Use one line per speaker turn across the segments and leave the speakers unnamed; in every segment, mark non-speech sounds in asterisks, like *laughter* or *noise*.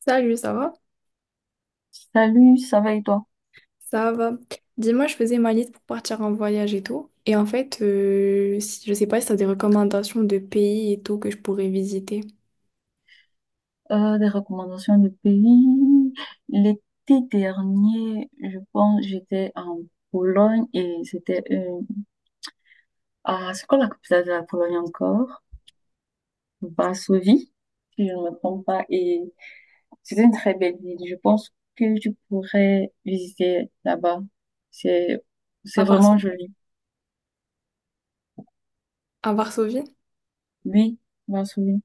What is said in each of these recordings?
Salut, ça va?
Salut, ça va et toi?
Ça va. Dis-moi, je faisais ma liste pour partir en voyage et tout. Et en fait, je sais pas si t'as des recommandations de pays et tout que je pourrais visiter.
Des recommandations de pays. L'été dernier, je pense, j'étais en Pologne et Ah, c'est quoi la capitale de la Pologne encore? Varsovie, si je ne me trompe pas. Et c'était une très belle ville. Je pense que tu pourrais visiter là-bas. C'est, c'est
À Varso-
vraiment joli.
à Varsovie.
Oui, Varsovie.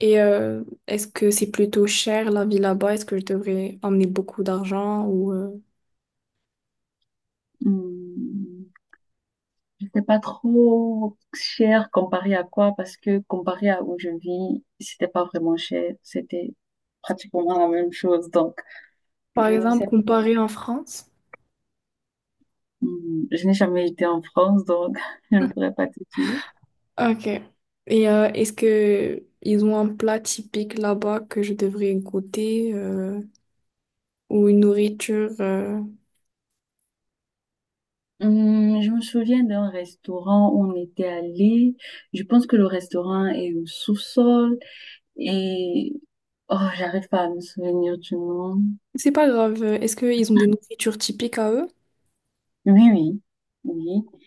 Et est-ce que c'est plutôt cher la vie là-bas? Est-ce que je devrais emmener beaucoup d'argent ou
Hmm. Je sais pas trop cher comparé à quoi, parce que comparé à où je vis, c'était pas vraiment cher, c'était pratiquement la même chose. Donc,
par
je ne
exemple
sais,
comparer en France?
hmm, je n'ai jamais été en France, donc *laughs* je ne pourrais pas te dire.
Ok. Et est-ce que ils ont un plat typique là-bas que je devrais goûter ou une nourriture
Hmm, je me souviens d'un restaurant où on était allé. Je pense que le restaurant est au sous-sol et oh, j'arrive pas à me souvenir du nom.
c'est pas grave. Est-ce qu'ils ont des nourritures typiques à eux?
Oui, oui, oui.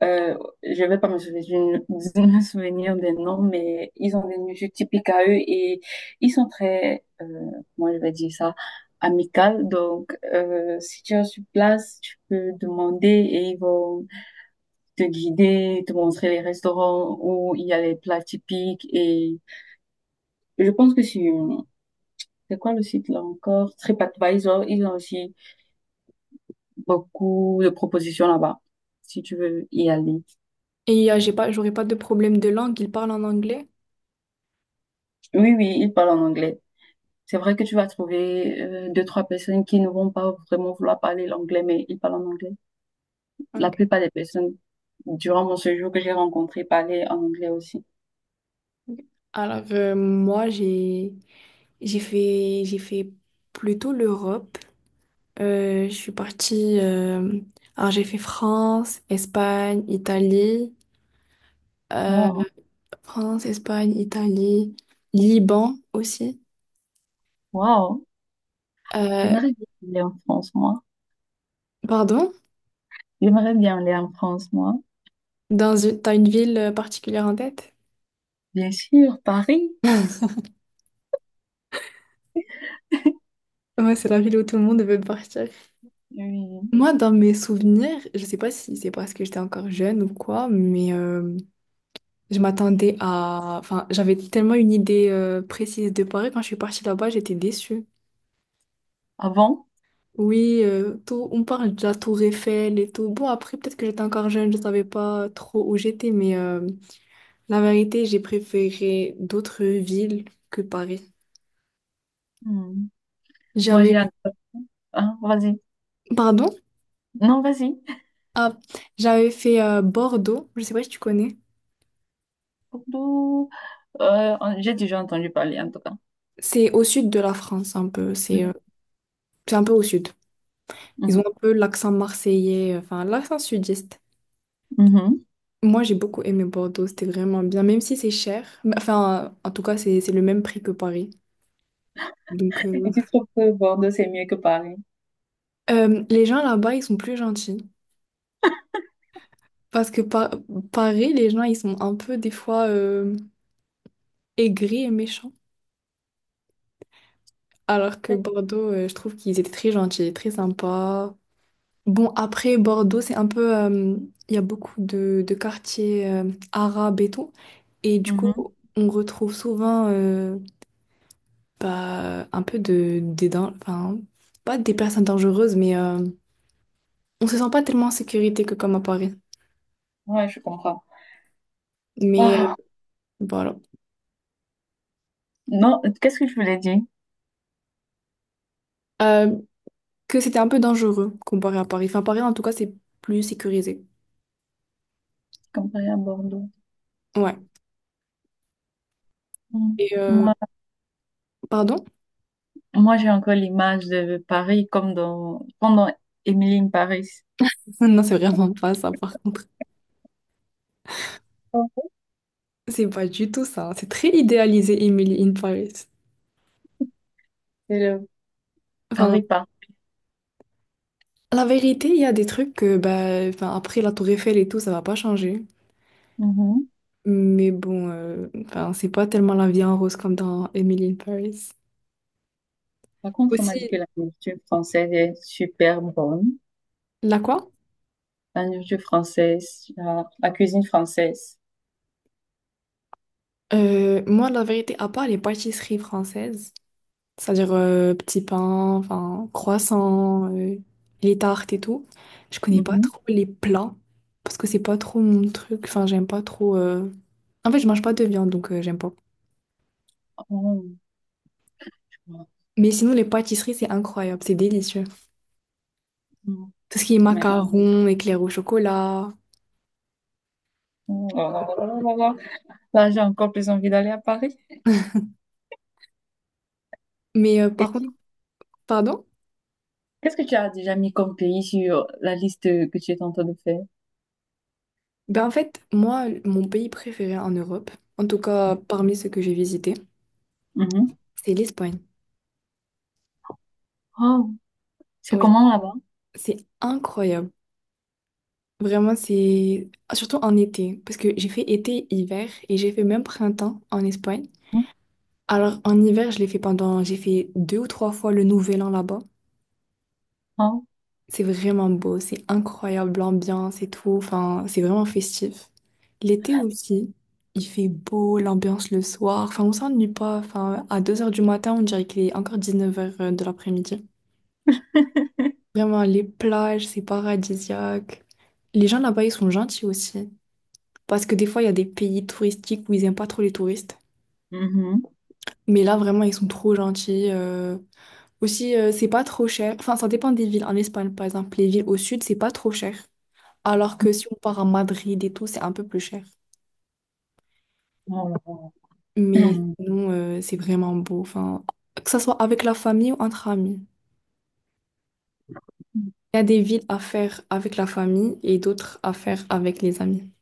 Je vais pas me souvenir, *laughs* je me souvenir des noms, mais ils ont des musiques typiques à eux et ils sont très, comment je vais dire ça, amicales. Donc, si tu es sur place, tu peux demander et ils vont te guider, te montrer les restaurants où il y a les plats typiques. Et je pense que c'est quoi le site là encore? TripAdvisor, ils ont aussi beaucoup de propositions là-bas, si tu veux y aller.
Et j'ai pas, j'aurais pas de problème de langue. Ils parlent en anglais.
Oui, oui, ils parlent en anglais. C'est vrai que tu vas trouver deux, trois personnes qui ne vont pas vraiment vouloir parler l'anglais, mais ils parlent en anglais. La
Ok.
plupart des personnes, durant mon séjour que j'ai rencontré, parlaient en anglais aussi.
Ok. Alors moi j'ai fait plutôt l'Europe. Je suis partie. Alors j'ai fait France, Espagne, Italie. euh,
Oh,
France, Espagne, Italie, Liban aussi.
wow.
Euh,
J'aimerais bien aller en France, moi.
pardon?
J'aimerais bien aller en France, moi.
T'as une ville particulière en tête?
Bien sûr, Paris.
Moi, c'est la ville où tout le monde veut partir.
Oui.
Moi, dans mes souvenirs, je sais pas si c'est parce que j'étais encore jeune ou quoi, mais je m'attendais à... Enfin, j'avais tellement une idée précise de Paris. Quand je suis partie là-bas, j'étais déçue.
Avant.
Oui, tout, on parle de la tour Eiffel et tout. Bon, après, peut-être que j'étais encore jeune, je savais pas trop où j'étais, mais... la vérité, j'ai préféré d'autres villes que Paris.
Hmm. Moi, j'ai...
J'avais,
un- Hein, vas-y.
pardon?
Non, vas-y.
Ah, j'avais fait Bordeaux, je sais pas si tu connais.
Bordeaux, j'ai déjà entendu parler, en tout cas.
C'est au sud de la France un peu,
Mhm,
c'est un peu au sud. Ils ont
mhm,
un peu l'accent marseillais, enfin l'accent sudiste.
mhm.
Moi, j'ai beaucoup aimé Bordeaux, c'était vraiment bien, même si c'est cher. Mais, enfin, en tout cas, c'est le même prix que Paris. Donc,
Et tu trouves que Bordeaux, c'est mieux que Paris?
les gens là-bas, ils sont plus gentils. Parce que par- Paris, les gens, ils sont un peu des fois aigris et méchants. Alors que Bordeaux, je trouve qu'ils étaient très gentils, très sympas. Bon, après, Bordeaux, c'est un peu... il y a beaucoup de quartiers arabes et tout. Et du coup,
Mhm.
on retrouve souvent bah, un peu enfin, pas des personnes dangereuses, mais on se sent pas tellement en sécurité que comme à Paris.
Ouais, je comprends.
Mais
Ah,
voilà.
non, qu'est-ce que je voulais dire
Euh, que c'était un peu dangereux comparé à Paris. Enfin, Paris, en tout cas, c'est plus sécurisé.
comparé à Bordeaux?
Ouais.
Hmm.
Et...
Moi,
pardon?
moi j'ai encore l'image de Paris comme dans Emily in Paris.
*laughs* Non, c'est vraiment pas ça, par contre. C'est pas du tout ça. C'est très idéalisé, Emily in Paris.
C'est le
Enfin,
Paris pas.
la vérité, il y a des trucs que, bah, enfin, après la Tour Eiffel et tout, ça va pas changer.
Mhm.
Mais bon, enfin, c'est pas tellement la vie en rose comme dans Emily in Paris.
Par contre, on m'a dit
Aussi,
que la nourriture française est super bonne.
la quoi?
La nourriture française, la cuisine française.
Moi, la vérité, à part les pâtisseries françaises, c'est-à-dire petits pains, enfin, croissants, les tartes et tout, je connais pas
Mhm.
trop les plats parce que c'est pas trop mon truc. Enfin, j'aime pas trop. En fait, je mange pas de viande, donc j'aime pas.
Oh, tu vois.
Mais sinon, les pâtisseries, c'est incroyable, c'est délicieux.
Mhm.
Tout ce qui est
Tu m'as dit.
macarons, éclairs au chocolat.
Oh là là là là là là. Là, j'ai encore plus envie d'aller à Paris.
Mais
Et
par contre,
dis
pardon?
Qu'est-ce que tu as déjà mis comme pays sur la liste que tu es en train de faire?
Ben en fait, moi, mon pays préféré en Europe, en tout cas parmi ceux que j'ai visités,
Mhm.
c'est l'Espagne.
Oh, c'est
Oui,
comment là-bas?
c'est incroyable. Vraiment, c'est... Surtout en été, parce que j'ai fait été, hiver, et j'ai fait même printemps en Espagne.
Mhm.
Alors, en hiver, je l'ai fait pendant... J'ai fait deux ou trois fois le Nouvel An là-bas.
Oh.
C'est vraiment beau, c'est incroyable l'ambiance et tout. Enfin, c'est vraiment festif. L'été aussi, il fait beau, l'ambiance le soir. Enfin, on s'ennuie pas. Enfin, à deux heures du matin, on dirait qu'il est encore dix-neuf heures de l'après-midi. Vraiment, les plages, c'est paradisiaque. Les gens là-bas, ils sont gentils aussi. Parce que des fois, il y a des pays touristiques où ils aiment pas trop les touristes.
Mhm.
Mais là, vraiment, ils sont trop gentils. Aussi, c'est pas trop cher. Enfin, ça dépend des villes. En Espagne, par exemple, les villes au sud, c'est pas trop cher. Alors que si on part à Madrid et tout, c'est un peu plus cher.
Oh là là.
Mais
Mhm.
sinon, c'est vraiment beau. Enfin, que ce soit avec la famille ou entre amis. Il y a des villes à faire avec la famille et d'autres à faire avec les amis.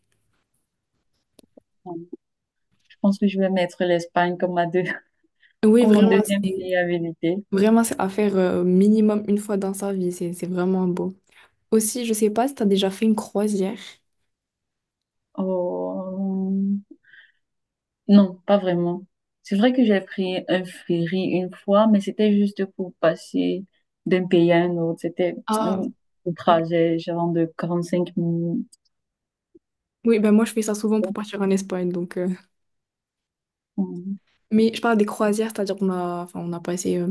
Je pense que je vais mettre l'Espagne comme ma deux, *laughs*
Oui,
comme mon
vraiment,
deuxième
c'est
pays à visiter.
vraiment c'est à faire minimum une fois dans sa vie. C'est vraiment beau. Aussi, je sais pas si tu as déjà fait une croisière.
Oh. Non, pas vraiment. C'est vrai que j'ai pris un ferry une fois, mais c'était juste pour passer d'un pays à un autre. C'était un
Ah,
un trajet genre de 45 minutes.
oui, ben moi je fais ça souvent pour partir en Espagne. Donc,
Mhm.
Mais je parle des croisières, c'est-à-dire qu'on a, enfin, on a passé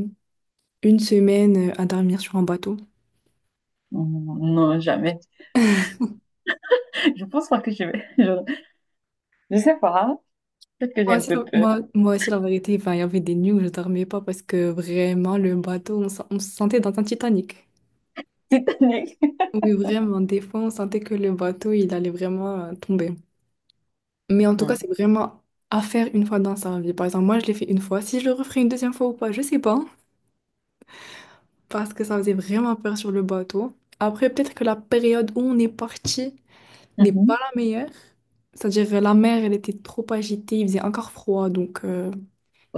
une semaine à dormir sur un bateau.
Non, jamais. Je pense pas que je vais. *laughs* Je sais pas. Peut-être que j'ai
Moi
un
aussi,
peu peur.
moi aussi, la vérité, enfin, il y avait des nuits où je dormais pas parce que vraiment, le bateau, on se sentait dans un Titanic.
*laughs* Titanic.
Oui, vraiment, des fois, on sentait que le bateau, il allait vraiment tomber. Mais en tout cas,
Hmm.
c'est vraiment à faire une fois dans sa vie. Par exemple, moi, je l'ai fait une fois. Si je le referai une deuxième fois ou pas, je sais pas. Parce que ça faisait vraiment peur sur le bateau. Après, peut-être que la période où on est parti n'est pas
Mhm.
la meilleure. C'est-à-dire, la mer, elle était trop agitée, il faisait encore froid, donc...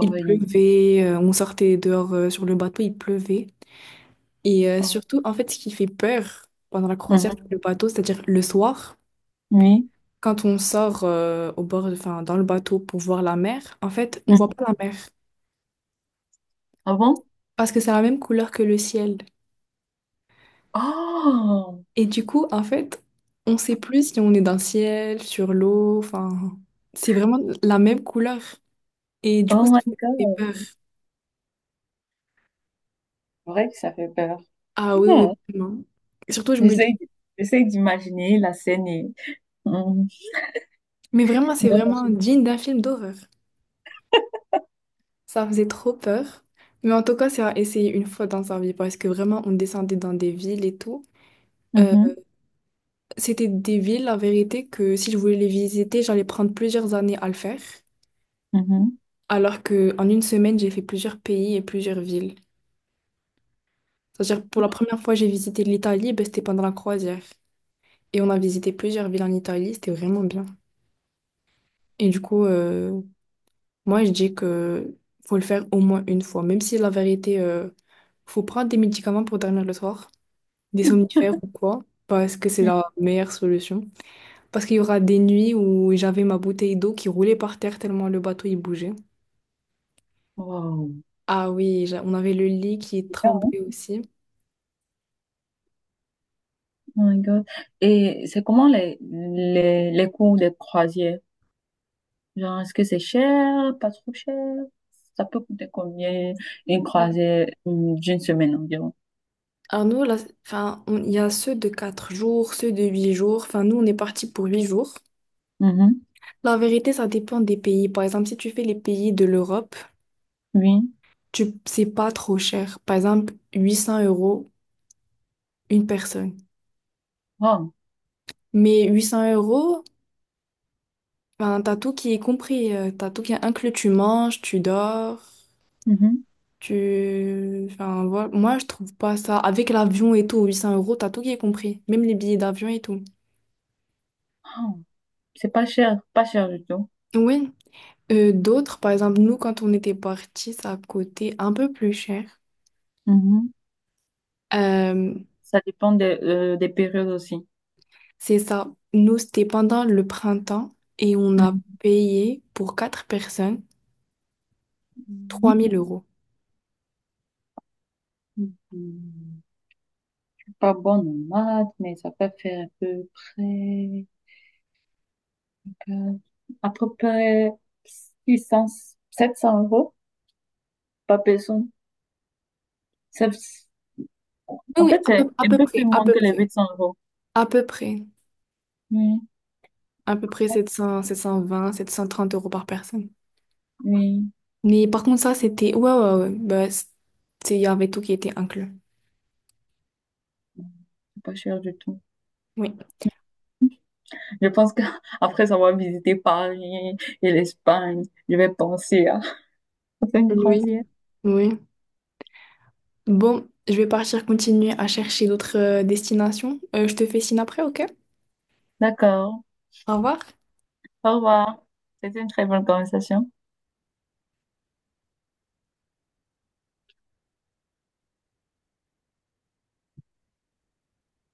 il pleuvait, on sortait dehors sur le bateau, il pleuvait. Et
Oh.
surtout, en fait, ce qui fait peur pendant la croisière sur le
Mhm.
bateau, c'est-à-dire le soir,
Oui.
quand on sort au bord, enfin, dans le bateau pour voir la mer, en fait, on voit
Mhm.
pas la mer
Ah bon?
parce que c'est la même couleur que le ciel.
Oh!
Et du coup, en fait, on sait plus si on est dans le ciel, sur l'eau, enfin, c'est vraiment la même couleur. Et du coup,
Oh
ça
my
fait
God.
peur.
C'est vrai que ça fait peur.
Ah oui, oui,
Hmm.
vraiment. Et surtout, je me dis,
J'essaie d- J'essaie d'imaginer la scène et... Mhm.
mais vraiment, c'est
Non,
vraiment
je-
digne d'un film d'horreur. Ça faisait trop peur. Mais en tout cas, c'est à essayer une fois dans sa vie parce que vraiment, on descendait dans des villes et tout. Euh,
Mhm.
c'était des villes, la vérité, que si je voulais les visiter, j'allais prendre plusieurs années à le faire.
Mhm.
Alors que en une semaine, j'ai fait plusieurs pays et plusieurs villes. C'est-à-dire, pour la première fois, j'ai visité l'Italie, ben, c'était pendant la croisière. Et on a visité plusieurs villes en Italie, c'était vraiment bien. Et du coup, moi, je dis que faut le faire au moins une fois, même si la vérité, faut prendre des médicaments pour dormir le soir. Des somnifères ou quoi, parce que c'est
Oui.
la meilleure solution. Parce qu'il y aura des nuits où j'avais ma bouteille d'eau qui roulait par terre tellement le bateau il bougeait.
Wow.
Ah oui, on avait le lit qui
C'est bien, hein?
tremblait aussi.
Oh my God. Et c'est comment les, les, cours des croisières? Genre, est-ce que c'est cher, pas trop cher? Ça peut coûter combien une
Ouais.
croisée d'une semaine environ?
Alors nous, là, il y a ceux de 4 jours, ceux de 8 jours. Enfin, nous, on est parti pour 8 jours.
Mhm.
La vérité, ça dépend des pays. Par exemple, si tu fais les pays de l'Europe,
Oui.
c'est pas trop cher. Par exemple, 800 euros une personne.
Oh.
Mais 800 euros, enfin, t'as tout qui est compris, t'as tout qui est inclus, tu manges, tu dors,
Mhm.
tu... Enfin, voilà. Moi, je trouve pas ça. Avec l'avion et tout, 800 euros, t'as tout qui est compris, même les billets d'avion et tout.
Oh. C'est pas cher, pas cher du tout.
Oui, d'autres, par exemple, nous, quand on était partis, ça coûtait un peu plus cher.
Mhm.
Euh,
Ça dépend des périodes aussi.
c'est ça, nous, c'était pendant le printemps et on a
Mhm.
payé pour quatre personnes trois
Mhm.
mille euros.
Mhm. Je suis pas bonne en maths, mais ça peut faire à peu près, quatre- à peu près 600 700 euros par personne. Ça-
Oui,
En
oui,
fait, c'est
à
un
peu
peu plus
près, à
moins
peu
que les
près,
800 euros.
à peu près, à peu près 700, cent trente euros par personne.
Oui,
Mais par contre, ça, c'était... Ouais, ouais, ouais. Bah, il y avait tout qui était inclus.
c'est pas cher du tout.
Oui.
Je pense que *laughs* après avoir visité Paris et l'Espagne, je vais penser à *laughs* faire une
Oui,
croisière.
oui. Bon, je vais partir continuer à chercher d'autres destinations. Je te fais signe après, ok?
D'accord.
Au revoir.
Au revoir. C'était une très bonne conversation.